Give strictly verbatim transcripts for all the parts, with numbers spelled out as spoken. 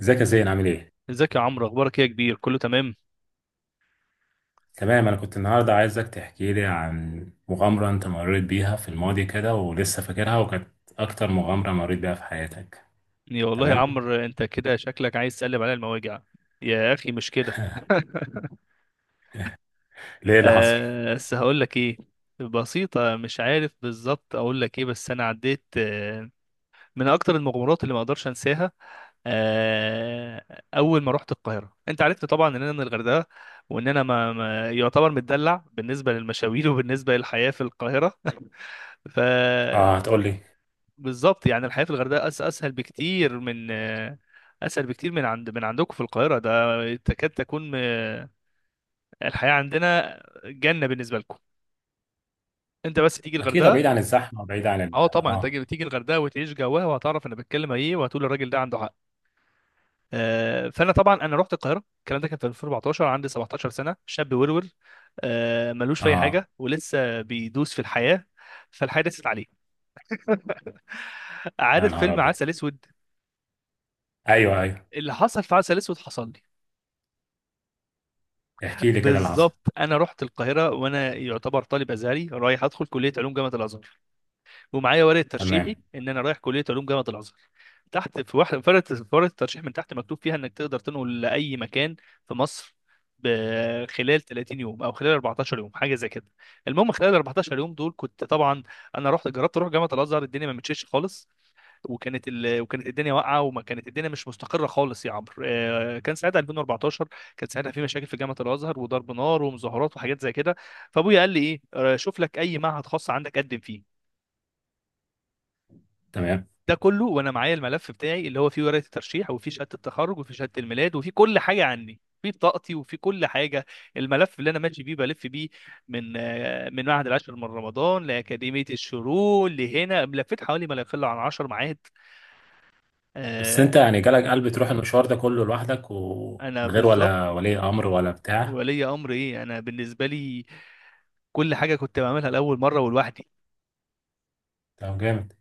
ازيك يا زين؟ عامل ايه؟ ازيك يا عمرو؟ اخبارك ايه يا كبير؟ كله تمام. تمام، انا كنت النهارده عايزك تحكي لي عن مغامرة انت مريت بيها في الماضي كده ولسه فاكرها، وكانت اكتر مغامرة مريت بيها في حياتك. يا والله يا تمام؟ عمرو، انت كده شكلك عايز تقلب عليا المواجع. يا اخي مش كده. ليه؟ اللي حصل؟ آه، بس هقول لك ايه. بسيطة، مش عارف بالظبط اقول لك ايه، بس انا عديت آه، من اكتر المغامرات اللي ما اقدرش انساها. آه، اول ما رحت القاهرة انت عرفت طبعا ان انا من الغردقة، وان انا ما ما- يعتبر متدلع بالنسبة للمشاوير وبالنسبة للحياة في القاهرة. ف اه هتقول لي. بالظبط، يعني الحياة في الغردقة أس أسهل بكتير من أسهل بكتير من عند من عندكم في القاهرة، ده تكاد تكون م- الحياة عندنا جنة بالنسبة لكم. أنت بس تيجي اكيد الغردقة. بعيد عن الزحمة، بعيد عن ال... أه طبعا، أنت اه. تيجي تيجي الغردقة وتعيش جواها وهتعرف أنا بتكلم إيه، وهتقول الراجل ده عنده حق. آه، فأنا طبعا أنا رحت القاهرة، الكلام ده كان في ألفين واربعتاشر، عندي سبعة عشر سنة، شاب ورور آه، ملوش في أي اه، حاجة ولسه بيدوس في الحياة، فالحياة دست عليه. يا عارف نهار فيلم ابيض. عسل أسود؟ ايوه ايوه، اللي حصل في عسل أسود حصل لي. احكي لي كده اللي حصل. بالظبط، انا رحت القاهره وانا يعتبر طالب ازهري رايح ادخل كليه علوم جامعه الازهر، ومعايا ورقه تمام. ترشيحي ان انا رايح كليه علوم جامعه الازهر. تحت في واحد، في ورقه في ورقة الترشيح من تحت مكتوب فيها انك تقدر تنقل لاي مكان في مصر ب- خلال ثلاثين يوم او خلال اربعتاشر يوم، حاجه زي كده. المهم خلال اربعتاشر يوم دول كنت طبعا، انا رحت جربت اروح جامعه الازهر، الدنيا ما مشيتش خالص. وكانت ال... وكانت الدنيا واقعه، وما كانت الدنيا مش مستقره خالص يا عمرو. آه، كان ساعتها ألفين واربعتاشر، كان ساعتها في مشاكل في جامعه الازهر وضرب نار ومظاهرات وحاجات زي كده. فابويا قال لي ايه، آه، شوف لك اي معهد خاص عندك قدم فيه. تمام، ده كله وانا معايا الملف بتاعي اللي هو فيه ورقه الترشيح، وفيه شهاده التخرج، وفيه شهاده الميلاد، وفيه كل حاجه عني، في بطاقتي وفي كل حاجه. الملف اللي انا ماشي بيه بلف بيه من آه، من معهد العاشر من رمضان لاكاديميه الشروق لهنا، لفيت حوالي ما لا يقل عن عشر معاهد. بس آه، انت يعني جالك قلب تروح المشوار ده كله لوحدك انا ومن غير بالظبط. ولا ولي امر ولا بتاع؟ ولي امر ايه؟ انا بالنسبه لي كل حاجه كنت بعملها لاول مره ولوحدي. طب جامد.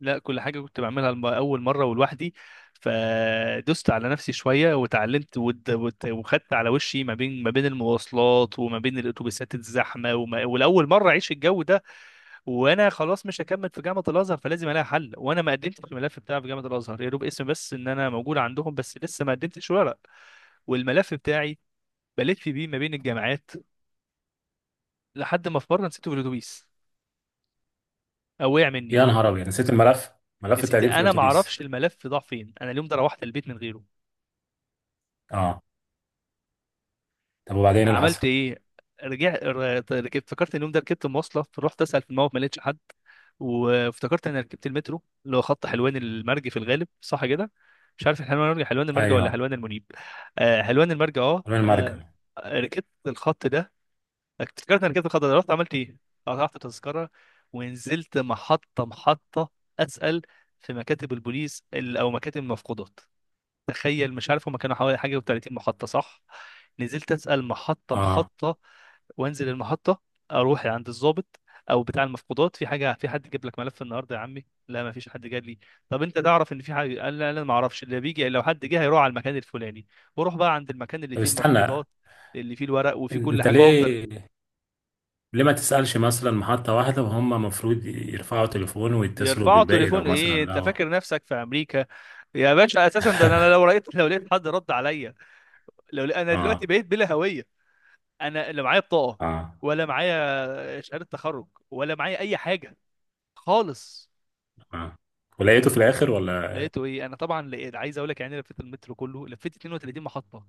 لا، كل حاجه كنت بعملها لم- اول مره ولوحدي. فدست على نفسي شويه وتعلمت، ود- وت- وخدت على وشي ما بين ما بين المواصلات وما بين الاتوبيسات الزحمه، وما ولاول مره اعيش الجو ده. وانا خلاص مش هكمل في جامعه الازهر، فلازم الاقي حل، وانا ما قدمتش الملف بتاعي في جامعه الازهر، يا دوب اسم بس ان انا موجود عندهم، بس لسه ما قدمتش ورق. والملف بتاعي بلف بيه ما بين الجامعات، لحد ما في مره نسيته في الاتوبيس او وقع يا مني. نهار ابيض، نسيت الملف؟ ملف نسيت، التقديم في انا ما الاتوبيس؟ اعرفش الملف ضاع فين، انا اليوم ده روحت البيت من غيره. اه. طب وبعدين إيه اللي حصل؟ عملت ايه؟ رجعت، ركبت، افتكرت إن اليوم ده ركبت مواصله، رحت اسال في الموقف، ما لقيتش حد. وافتكرت انا ركبت المترو اللي هو خط حلوان المرج في الغالب، صح كده؟ مش عارف حلوان المرج حلوان المرج ولا ايوه، حلوان المنيب. آه، حلوان المرج، اه رمي المرجم. آه، ركبت الخط ده. افتكرت انا ركبت الخط ده، رحت عملت ايه، قطعت تذكره، ونزلت محطه محطه اسال في مكاتب البوليس، ال- او مكاتب المفقودات. تخيل، مش عارف هما كانوا حوالي حاجه و30 محطه، صح؟ نزلت اسال محطه اه. محطه، وانزل المحطه اروح عند الضابط او بتاع المفقودات، في حاجه، في حد جاب لك ملف النهارده يا عمي؟ لا، ما فيش حد جاب لي. طب انت تعرف ان في حاجه؟ قال لا، لا ما اعرفش اللي بيجي، لو حد جه هيروح على المكان الفلاني. واروح بقى عند المكان اللي طب فيه استنى، المفقودات، اللي فيه الورق وفيه إن- كل انت حاجه، وافضل. ليه؟ ليه ما تسألش مثلا محطة واحدة، وهم المفروض يرفعوا تليفون ويتصلوا يرفعوا بالباقي، لو تليفون ايه؟ مثلا انت لو... فاكر نفسك في امريكا يا باشا؟ اساسا ده انا لو لقيت لو لقيت حد رد عليا. لو لقيت- انا دلوقتي اه. بقيت بلا هويه، انا لا معايا بطاقه، اه. ولا معايا شهاده تخرج، ولا معايا اي حاجه خالص. اه، ولقيته في الآخر ولا؟ لقيته ايه، انا طبعا لقيت، عايز اقول لك يعني، لفيت المترو كله، لفيت اتنين وتلاتين محطه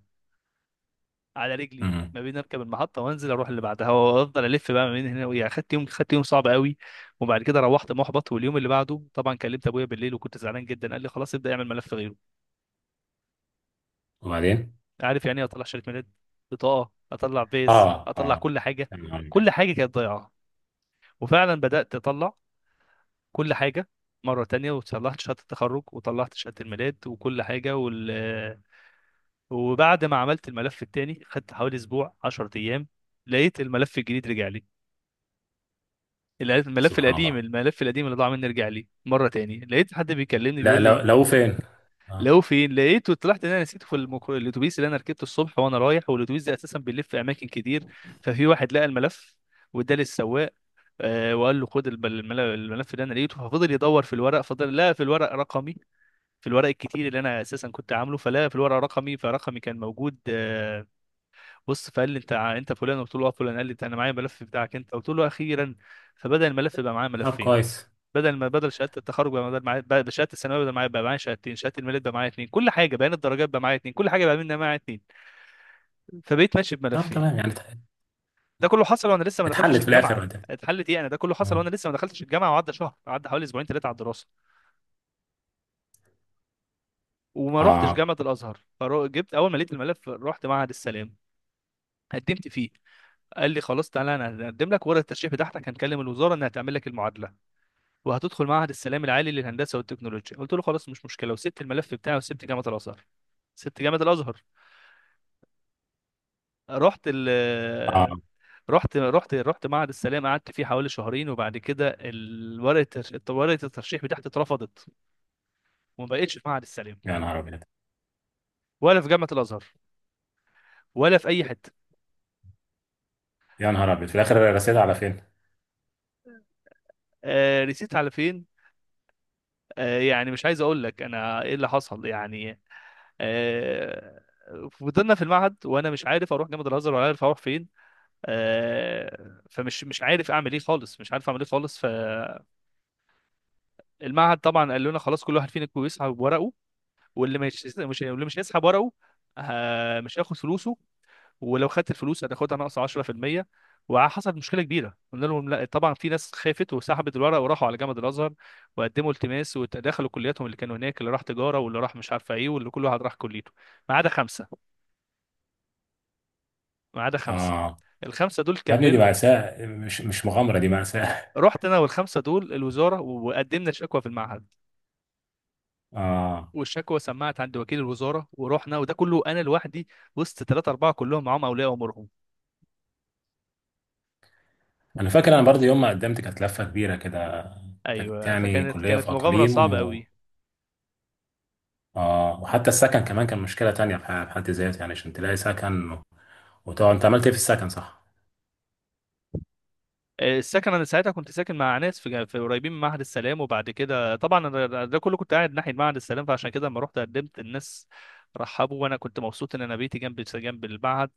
على رجلي امم. ما بين اركب المحطه وانزل اروح اللي بعدها، وافضل الف بقى ما بين هنا ويا، خدت يوم خدت يوم صعب قوي. وبعد كده روحت محبط، واليوم اللي بعده طبعا كلمت ابويا بالليل وكنت زعلان جدا، قال لي خلاص ابدا اعمل ملف غيره. وبعدين؟ عارف يعني ايه اطلع شهاده ميلاد، بطاقه، اطلع فيز، اه. اطلع اه، كل حاجه. يا نهار أبيض. كل حاجه كانت ضايعه. وفعلا بدات اطلع كل حاجة مرة تانية، وطلعت شهادة التخرج، وطلعت شهادة الميلاد، وكل حاجة. وال... وبعد ما عملت الملف التاني خدت حوالي أسبوع عشرة أيام، لقيت الملف الجديد رجع لي. لقيت الملف سبحان القديم، الله. الملف القديم اللي ضاع مني رجع لي مرة تاني، لقيت حد بيكلمني لا، بيقول لو لي لو فين؟ اه. لو فين لقيته، طلعت ان انا نسيته في المك... الاتوبيس اللي انا ركبته الصبح وانا رايح، والاتوبيس ده اساسا بيلف في اماكن كتير، ففي واحد لقى الملف، وده للسواق، آه، وقال له خد الب- المل- الملف ده انا لقيته. ففضل يدور في الورق، فضل لقى في الورق رقمي، في الورق الكتير اللي انا اساسا كنت عامله، فلا في الورق رقمي، فرقمي كان موجود. آه، بص، فقال لي انت ع- انت فلان؟ قلت له اه، فلان. قال لي انا معايا الملف بتاعك انت. قلت له اخيرا. فبدا الملف بقى معايا طب ملفين. كويس. بدل ما بدل شهاده التخرج بقى، بدل معايا بقى- شهاده الثانويه، بدل معايا بقى معايا شهادتين، شهاده الميلاد بقى معايا اتنين، كل حاجه، بيان الدرجات بقى معايا اتنين، كل حاجه بقى منها معايا اتنين. فبقيت ماشي طب بملفين. تمام يعني ات- ده كله حصل وانا لسه ما دخلتش اتحلت في الآخر؟ الجامعه. وده... اتحلت ايه؟ انا ده كله حصل وانا لسه ما دخلتش الجامعه، وعدى شهر، عدى حوالي اسبوعين ثلاثه على الدراسه، وما رحتش اه. جامعه الازهر. فجبت اول ما لقيت الملف، رحت معهد السلام قدمت فيه. قال لي خلاص تعالى انا هقدم لك ورقه الترشيح بتاعتك، هنكلم الوزاره انها تعمل لك المعادله، وهتدخل معهد السلام العالي للهندسه والتكنولوجيا. قلت له خلاص مش مشكله، وسبت الملف بتاعي وسبت جامعه الازهر. سبت جامعه الازهر رحت ال اه، رحت رحت رحت معهد السلام قعدت فيه حوالي شهرين. وبعد كده ال- ورقه الترش- ورقه الترشيح بتاعتي اترفضت، وما بقتش في معهد السلام يا نهار أبيض. ولا في جامعه الازهر ولا في اي حته. يا نهار أبيض، في الآخر رسيت على فين؟ آه، رسيت على فين؟ آه، يعني مش عايز اقول لك انا ايه اللي حصل يعني. آه، فضلنا في المعهد وانا مش عارف اروح جامعه الازهر ولا عارف اروح فين. آه، فمش مش عارف اعمل ايه خالص، مش عارف اعمل ايه خالص. فالمعهد طبعا قال لنا خلاص كل واحد فينا يسحب ورقه، واللي مش مش واللي مش هيسحب ورقه، آه، مش هياخد فلوسه، ولو خدت الفلوس هتاخدها ناقص عشرة في المية. وحصلت مشكله كبيره، قلنا لهم لا طبعا. في ناس خافت وسحبت الورق وراحوا على جامعه الازهر، وقدموا التماس ودخلوا كلياتهم اللي كانوا هناك، اللي راح تجاره، واللي راح مش عارفه ايه، واللي كل واحد راح كليته، ما عدا خمسه. ما عدا خمسه اه. الخمسه دول يا ابني دي كملوا. مأساة، مش مش مغامرة، دي مأساة. رحت انا والخمسه دول الوزاره، وقدمنا شكوى في المعهد، اه. والشكوى سمعت عند وكيل الوزاره، ورحنا، وده كله انا لوحدي وسط ثلاثه اربعه كلهم معاهم اولياء امورهم. انا فاكر انا برضه يوم ما قدمت كانت لفة كبيرة كده. كانت ايوه، يعني فكانت كلية في كانت مغامره اقاليم صعبه و... قوي. اه، وحتى السكن كمان كان مشكلة تانية في ح- في حد ذاته، يعني عشان تلاقي سكن. وطبعا انت عملت ايه في السكن؟ صح؟ السكن، انا ساعتها كنت ساكن مع ناس في جا- في قريبين من معهد السلام، وبعد كده طبعا أنا، ده ده كله كنت قاعد ناحيه معهد السلام، فعشان كده لما رحت قدمت الناس رحبوا، وانا كنت مبسوط ان انا بيتي جنب جنب المعهد.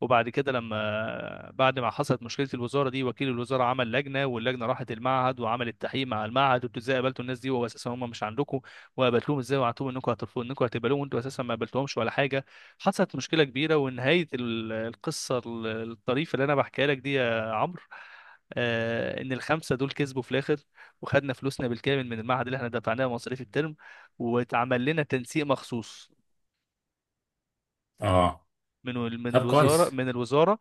وبعد كده لما بعد ما حصلت مشكله الوزاره دي، وكيل الوزاره عمل لجنه، واللجنه راحت المعهد وعملت تحقيق مع المعهد، وانتوا ازاي قابلتوا الناس دي وهو اساسا هم مش عندكم، وقابلتوهم ازاي، وقعدتوهم انكم هترفضوا، انكم هتقبلوهم وانتوا اساسا ما قابلتوهمش ولا حاجه. حصلت مشكله كبيره، ونهايه ال- القصه ال- الطريفه اللي انا بحكيها لك دي يا عمرو، آه، ان الخمسه دول كسبوا في الاخر، وخدنا فلوسنا بالكامل من المعهد اللي احنا دفعناه مصاريف الترم، واتعمل لنا تنسيق مخصوص اه. من ال- من طب الوزاره كويس. من الوزاره.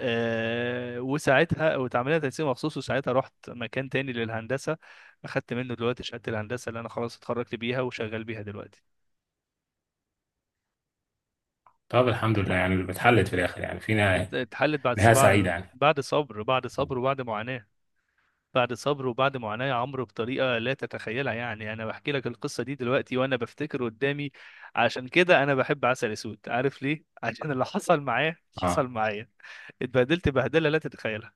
آه، وساعتها واتعمل لنا تنسيق مخصوص، وساعتها رحت مكان تاني للهندسه، اخدت منه دلوقتي شهاده الهندسه اللي انا خلاص اتخرجت بيها وشغال بيها دلوقتي. طب الحمد لله يعني اتحلت في الاخر، يعني في ات- نهاية... اتحلت بعد نهاية سبع، سعيدة يعني. بعد صبر بعد صبر وبعد معاناه بعد صبر وبعد معاناة يا عمرو، بطريقة لا تتخيلها يعني. أنا بحكي لك القصة دي دلوقتي وأنا بفتكر قدامي. عشان كده أنا بحب عسل أسود، عارف ليه؟ عشان اللي حصل معاه اه، حصل معايا، اتبهدلت بهدلة لا تتخيلها.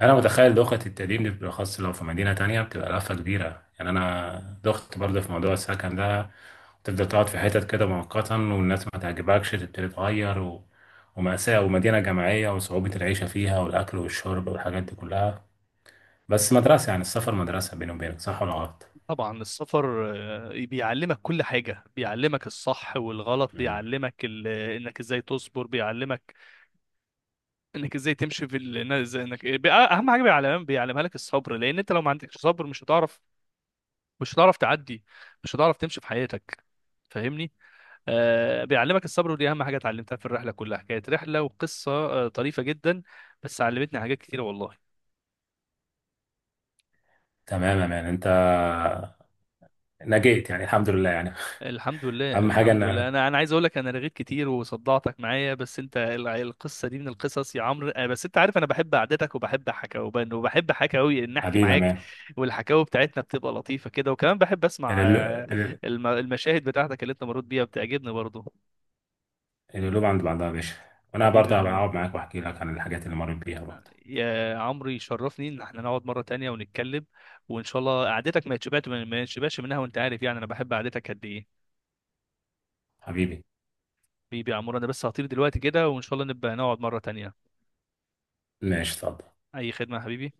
انا متخيل دوخة التقديم دي، بالاخص لو في مدينة تانية بتبقى لفة كبيرة. يعني انا دخت برضه في موضوع السكن ده، تفضل تقعد في حتت كده مؤقتا والناس ما تعجبكش تبتدي تغير و... ومأساة ومدينة جامعية وصعوبة العيشة فيها والأكل والشرب والحاجات دي كلها. بس مدرسة، يعني السفر مدرسة، بيني وبينك صح ولا غلط؟ طبعا السفر آه، بيعلمك كل حاجة، بيعلمك الصح والغلط، مم. بيعلمك ال... إنك إزاي تصبر، بيعلمك إنك إزاي تمشي في ال... إنك إزاي- إنك آه، بي- آه، أهم حاجة بيعلم... بيعلمها لك الصبر. لأن أنت لو ما عندكش صبر مش هتعرف، مش هتعرف تعدي، مش هتعرف تمشي في حياتك. فاهمني؟ آه، بيعلمك الصبر، ودي اهم حاجه اتعلمتها في الرحله كلها. كانت رحله وقصه آه، طريفه جدا، بس علمتني حاجات كتير والله. تمام يا مان، أنت نجيت يعني، الحمد لله يعني. الحمد لله، أهم حاجة الحمد إن... لله. انا انا عايز اقول لك انا رغيت كتير وصدعتك معايا، بس انت ال- القصه دي من القصص يا عمرو. آه، بس انت عارف انا بحب قعدتك وبحب حكاوي، وبحب حكاوي ان احكي حبيبي يا معاك، مان. والحكاوي بتاعتنا بتبقى لطيفه كده، وكمان بحب اسمع، آه، القلو- الم- المشاهد بتاعتك اللي انت مريت بيها بتعجبني برضه. القلوب عند بعضها يا باشا، وأنا حبيبي يا برضه هبقى عمو أقعد معاك وأحكي لك عن الحاجات اللي مريت بيها برضه. يا عمرو، يشرفني ان احنا نقعد مره تانية ونتكلم، وان شاء الله قعدتك ما يتشبعت ما يتشبعش منها، وانت عارف يعني انا بحب قعدتك قد ايه. حبيبي. حبيبي يا عمرو، انا بس هطير دلوقتي كده، وان شاء الله نبقى نقعد مره تانية. ماشي، اتفضل. اي خدمه يا حبيبي.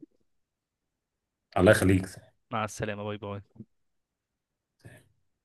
الله يخليك. مع السلامه، باي باي.